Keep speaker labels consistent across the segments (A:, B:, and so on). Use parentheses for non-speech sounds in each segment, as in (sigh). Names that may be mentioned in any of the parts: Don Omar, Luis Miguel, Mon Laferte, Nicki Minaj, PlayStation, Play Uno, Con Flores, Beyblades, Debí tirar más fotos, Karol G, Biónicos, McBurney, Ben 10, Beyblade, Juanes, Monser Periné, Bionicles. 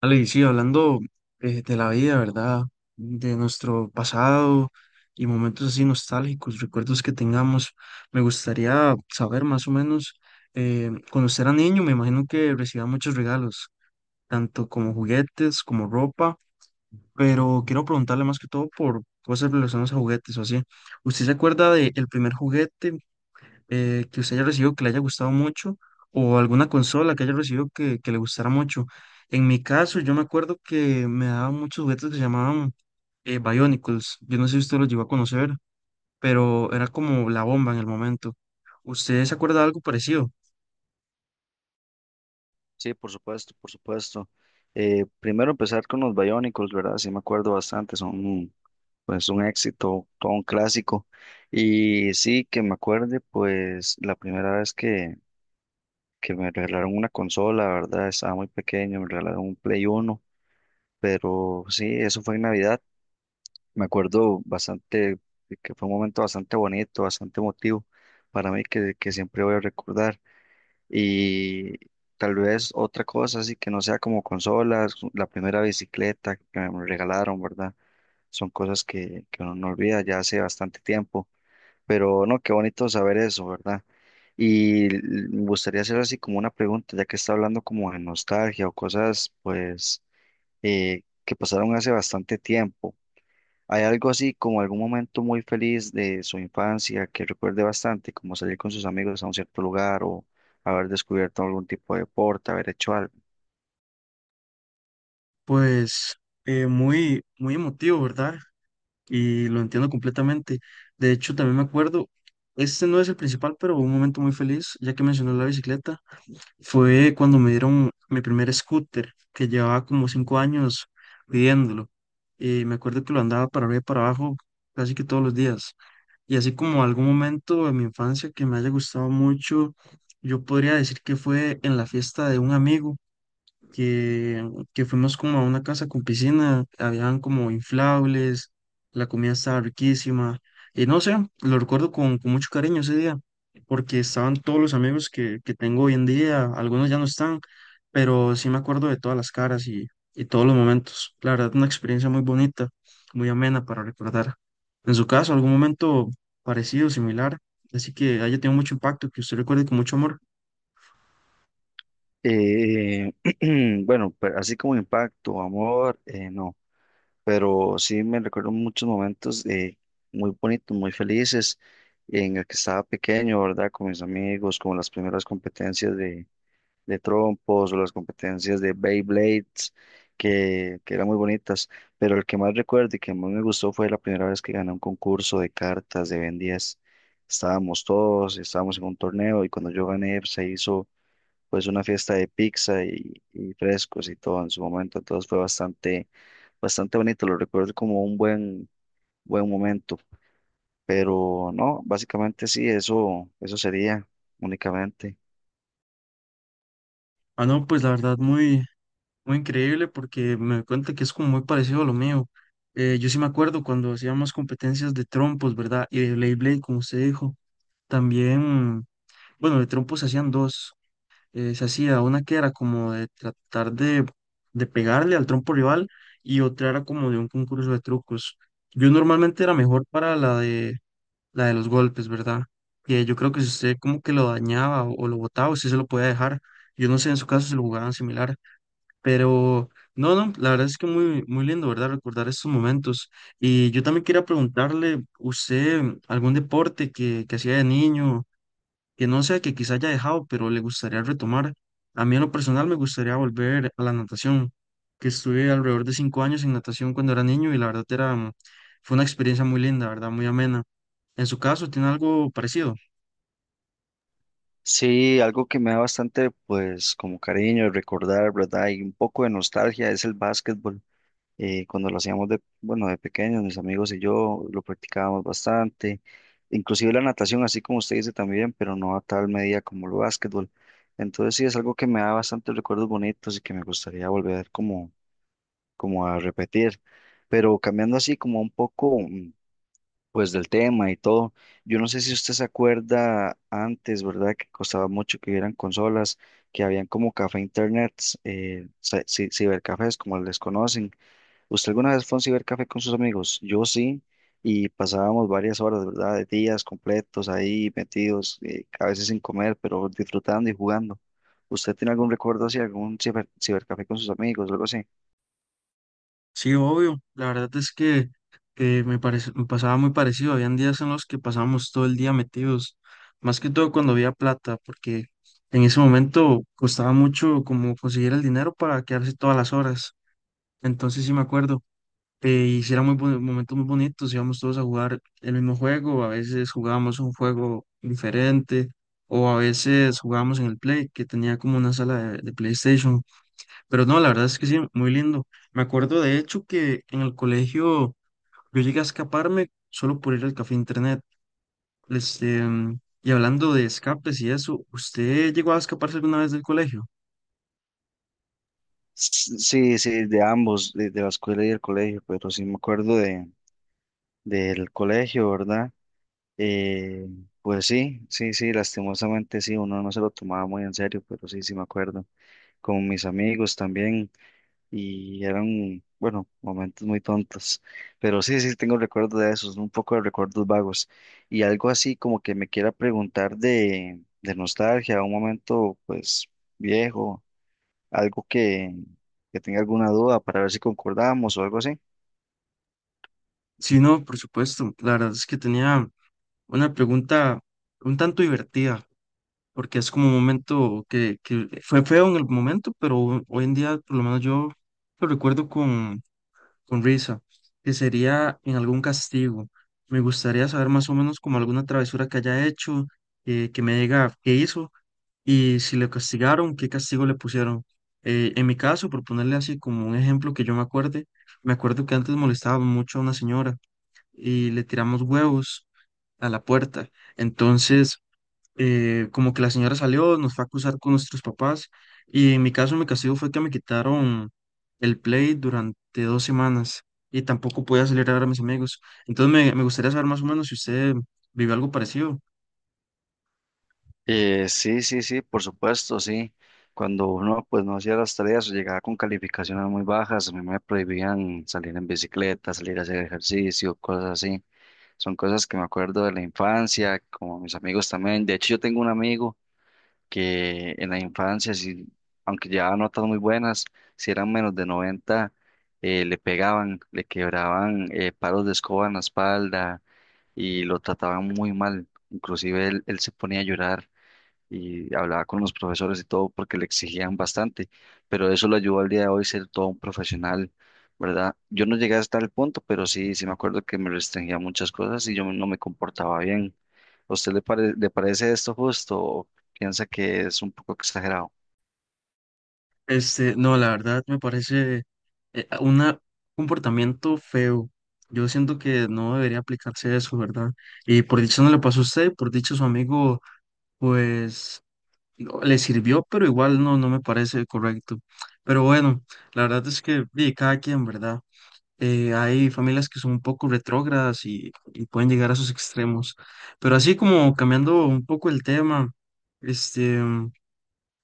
A: Ale, y sí, hablando de la vida, ¿verdad? De nuestro pasado y momentos así nostálgicos, recuerdos que tengamos, me gustaría saber más o menos, cuando usted era niño, me imagino que recibía muchos regalos, tanto como juguetes, como ropa, pero quiero preguntarle más que todo por cosas relacionadas a juguetes o así. ¿Usted se acuerda del primer juguete que usted haya recibido que le haya gustado mucho o alguna consola que haya recibido que le gustara mucho? En mi caso, yo me acuerdo que me daban muchos juguetes que se llamaban Bionicles. Yo no sé si usted los llegó a conocer, pero era como la bomba en el momento. ¿Usted se acuerda de algo parecido?
B: Sí, por supuesto, por supuesto. Primero empezar con los Biónicos, ¿verdad? Sí, me acuerdo bastante, son pues un éxito, todo un clásico. Y sí, que me acuerde, pues la primera vez que me regalaron una consola, ¿verdad? Estaba muy pequeño, me regalaron un Play Uno, pero sí, eso fue en Navidad. Me acuerdo bastante, que fue un momento bastante bonito, bastante emotivo para mí que siempre voy a recordar. Y tal vez otra cosa, así que no sea como consolas, la primera bicicleta que me regalaron, ¿verdad? Son cosas que uno no olvida ya hace bastante tiempo. Pero no, qué bonito saber eso, ¿verdad? Y me gustaría hacer así como una pregunta, ya que está hablando como de nostalgia o cosas, pues, que pasaron hace bastante tiempo. ¿Hay algo así como algún momento muy feliz de su infancia que recuerde bastante, como salir con sus amigos a un cierto lugar o haber descubierto algún tipo de deporte, haber hecho algo?
A: Pues muy, muy emotivo, ¿verdad? Y lo entiendo completamente. De hecho, también me acuerdo, este no es el principal, pero un momento muy feliz, ya que mencionó la bicicleta. Fue cuando me dieron mi primer scooter, que llevaba como 5 años pidiéndolo. Y me acuerdo que lo andaba para arriba y para abajo casi que todos los días. Y así como algún momento de mi infancia que me haya gustado mucho, yo podría decir que fue en la fiesta de un amigo que, que fuimos como a una casa con piscina, habían como inflables, la comida estaba riquísima, y no sé, lo recuerdo con mucho cariño ese día, porque estaban todos los amigos que tengo hoy en día, algunos ya no están, pero sí me acuerdo de todas las caras y todos los momentos. La verdad, una experiencia muy bonita, muy amena para recordar. En su caso, algún momento parecido, similar, así que haya tenido mucho impacto, que usted recuerde con mucho amor.
B: Eh, (clears throat) bueno, pero así como impacto, amor, no, pero sí me recuerdo muchos momentos muy bonitos, muy felices en el que estaba pequeño, ¿verdad? Con mis amigos, con las primeras competencias de. De trompos o las competencias de Beyblades, que eran muy bonitas, pero el que más recuerdo y que más me gustó fue la primera vez que gané un concurso de cartas de Ben 10. Estábamos en un torneo y cuando yo gané pues, se hizo pues una fiesta de pizza y frescos y todo en su momento, entonces fue bastante, bastante bonito, lo recuerdo como un buen momento, pero no, básicamente sí, eso sería únicamente.
A: Ah, no, pues la verdad, muy muy increíble, porque me doy cuenta que es como muy parecido a lo mío. Yo sí me acuerdo cuando hacíamos competencias de trompos, ¿verdad? Y de Beyblade, como usted dijo. También, bueno, de trompos se hacían dos. Se hacía una que era como de tratar de pegarle al trompo rival, y otra era como de un concurso de trucos. Yo normalmente era mejor para la de los golpes, ¿verdad? Que yo creo que si usted como que lo dañaba o lo botaba, usted se lo podía dejar. Yo no sé en su caso si lo jugaban similar. Pero no, no, la verdad es que muy, muy lindo, ¿verdad? Recordar estos momentos. Y yo también quería preguntarle, ¿usted algún deporte que hacía de niño, que no sea que quizá haya dejado, pero le gustaría retomar? A mí en lo personal me gustaría volver a la natación, que estuve alrededor de 5 años en natación cuando era niño, y la verdad era, fue una experiencia muy linda, ¿verdad? Muy amena. En su caso, ¿tiene algo parecido?
B: Sí, algo que me da bastante, pues, como cariño recordar, ¿verdad? Y un poco de nostalgia es el básquetbol. Cuando lo hacíamos de, bueno, de pequeños, mis amigos y yo lo practicábamos bastante. Inclusive la natación, así como usted dice también, pero no a tal medida como el básquetbol. Entonces sí, es algo que me da bastantes recuerdos bonitos y que me gustaría volver como, como a repetir. Pero cambiando así como un poco, pues del tema y todo. Yo no sé si usted se acuerda antes, ¿verdad? Que costaba mucho que hubieran consolas, que habían como café internets, cibercafés, como les conocen. ¿Usted alguna vez fue a un cibercafé con sus amigos? Yo sí, y pasábamos varias horas, ¿verdad? De días completos ahí metidos, a veces sin comer, pero disfrutando y jugando. ¿Usted tiene algún recuerdo así, algún cibercafé con sus amigos, algo así?
A: Sí, obvio. La verdad es que me parece, me pasaba muy parecido. Habían días en los que pasábamos todo el día metidos, más que todo cuando había plata, porque en ese momento costaba mucho como conseguir el dinero para quedarse todas las horas. Entonces sí me acuerdo. Y sí eran muy momentos muy bonitos, íbamos todos a jugar el mismo juego, a veces jugábamos un juego diferente, o a veces jugábamos en el Play, que tenía como una sala de PlayStation. Pero no, la verdad es que sí, muy lindo. Me acuerdo de hecho que en el colegio yo llegué a escaparme solo por ir al café internet. Este, y hablando de escapes y eso, ¿usted llegó a escaparse alguna vez del colegio?
B: Sí, sí, de ambos, de la escuela y el colegio, pero sí me acuerdo de del colegio, ¿verdad? Eh, pues sí, sí, sí, lastimosamente sí, uno no se lo tomaba muy en serio, pero sí, sí me acuerdo, con mis amigos también, y eran, bueno, momentos muy tontos, pero sí, sí, tengo recuerdos de esos, un poco de recuerdos vagos, y algo así como que me quiera preguntar de nostalgia, un momento pues viejo, algo que tenga alguna duda para ver si concordamos o algo así.
A: Sí, no, por supuesto. La verdad es que tenía una pregunta un tanto divertida, porque es como un momento que fue feo en el momento, pero hoy en día por lo menos yo lo recuerdo con risa, que sería en algún castigo. Me gustaría saber más o menos como alguna travesura que haya hecho, que me diga qué hizo y si le castigaron, qué castigo le pusieron. En mi caso, por ponerle así como un ejemplo que yo me acuerde, me acuerdo que antes molestaba mucho a una señora y le tiramos huevos a la puerta. Entonces, como que la señora salió, nos fue a acusar con nuestros papás, y en mi caso mi castigo fue que me quitaron el Play durante 2 semanas y tampoco podía salir a ver a mis amigos. Entonces me gustaría saber más o menos si usted vivió algo parecido.
B: Sí, sí, sí, por supuesto, sí. Cuando uno pues no hacía las tareas o llegaba con calificaciones muy bajas, a mí me prohibían salir en bicicleta, salir a hacer ejercicio, cosas así. Son cosas que me acuerdo de la infancia, como mis amigos también. De hecho, yo tengo un amigo que en la infancia, sí, aunque llevaba notas muy buenas, si eran menos de 90, le pegaban, le quebraban palos de escoba en la espalda y lo trataban muy mal. Inclusive él se ponía a llorar y hablaba con los profesores y todo porque le exigían bastante, pero eso lo ayudó al día de hoy ser todo un profesional, ¿verdad? Yo no llegué hasta el punto, pero sí, sí me acuerdo que me restringía muchas cosas y yo no me comportaba bien. ¿A usted le parece esto justo o piensa que es un poco exagerado?
A: Este, no, la verdad me parece un comportamiento feo. Yo siento que no debería aplicarse eso, ¿verdad? Y por dicho no le pasó a usted, por dicho su amigo, pues no, le sirvió, pero igual no, no me parece correcto. Pero bueno, la verdad es que di, cada quien, ¿verdad? Hay familias que son un poco retrógradas y pueden llegar a sus extremos. Pero así como cambiando un poco el tema, este,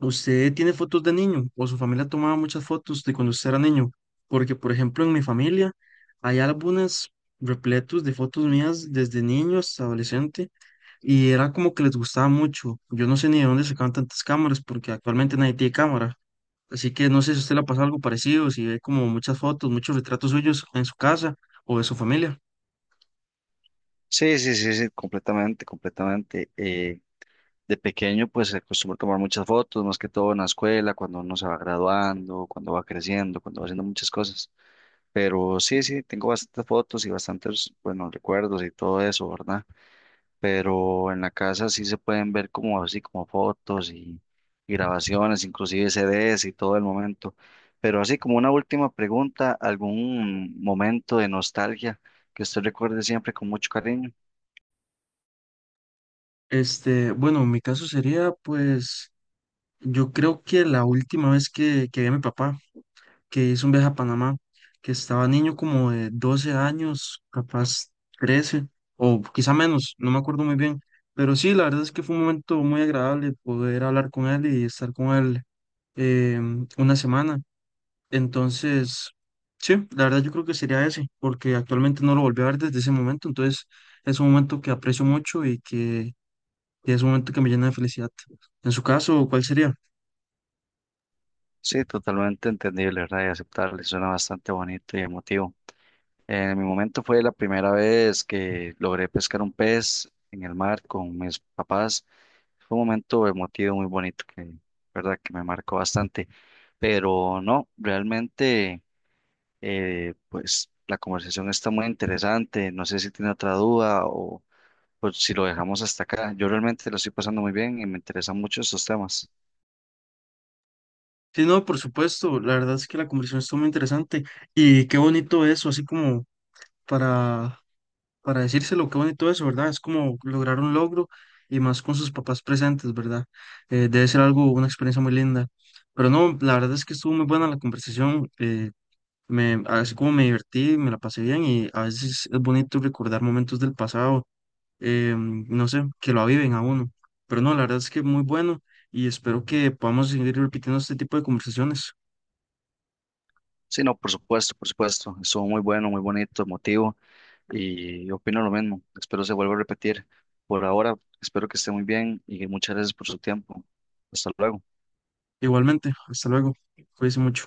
A: ¿usted tiene fotos de niño o su familia tomaba muchas fotos de cuando usted era niño? Porque, por ejemplo, en mi familia hay álbumes repletos de fotos mías desde niño hasta adolescente, y era como que les gustaba mucho. Yo no sé ni de dónde sacaban tantas cámaras porque actualmente nadie tiene cámara. Así que no sé si a usted le pasa algo parecido, si ve como muchas fotos, muchos retratos suyos en su casa o de su familia.
B: Sí, sí, sí, sí, completamente, completamente. De pequeño, pues se acostumbra a tomar muchas fotos, más que todo en la escuela, cuando uno se va graduando, cuando va creciendo, cuando va haciendo muchas cosas. Pero sí, sí, tengo bastantes fotos y bastantes, bueno, recuerdos y todo eso, ¿verdad? Pero en la casa sí se pueden ver como así, como fotos y grabaciones, inclusive CDs y todo el momento. Pero así como una última pregunta, ¿algún momento de nostalgia que usted recuerde siempre con mucho cariño?
A: Este, bueno, mi caso sería pues yo creo que la última vez que vi a mi papá, que hizo un viaje a Panamá, que estaba niño como de 12 años, capaz 13 o quizá menos, no me acuerdo muy bien, pero sí, la verdad es que fue un momento muy agradable poder hablar con él y estar con él, eh, una semana. Entonces, sí, la verdad yo creo que sería ese, porque actualmente no lo volví a ver desde ese momento, entonces es un momento que aprecio mucho y que es un momento que me llena de felicidad. En su caso, ¿cuál sería?
B: Sí, totalmente entendible, ¿verdad? Y aceptable, suena bastante bonito y emotivo. En mi momento fue la primera vez que logré pescar un pez en el mar con mis papás. Fue un momento emotivo muy bonito que, verdad, que me marcó bastante. Pero no, realmente, pues la conversación está muy interesante. No sé si tiene otra duda o pues, si lo dejamos hasta acá. Yo realmente lo estoy pasando muy bien y me interesan mucho estos temas.
A: Sí, no, por supuesto, la verdad es que la conversación estuvo muy interesante, y qué bonito eso, así como para, para decírselo, qué bonito eso, ¿verdad? Es como lograr un logro, y más con sus papás presentes, ¿verdad? Debe ser algo, una experiencia muy linda. Pero no, la verdad es que estuvo muy buena la conversación, así como me divertí, me la pasé bien, y a veces es bonito recordar momentos del pasado, no sé, que lo aviven a uno. Pero no, la verdad es que muy bueno, y espero que podamos seguir repitiendo este tipo de conversaciones.
B: Sí, no, por supuesto, por supuesto. Estuvo muy bueno, muy bonito, emotivo. Y opino lo mismo. Espero se vuelva a repetir. Por ahora, espero que esté muy bien y muchas gracias por su tiempo. Hasta luego.
A: Igualmente, hasta luego. Cuídense mucho.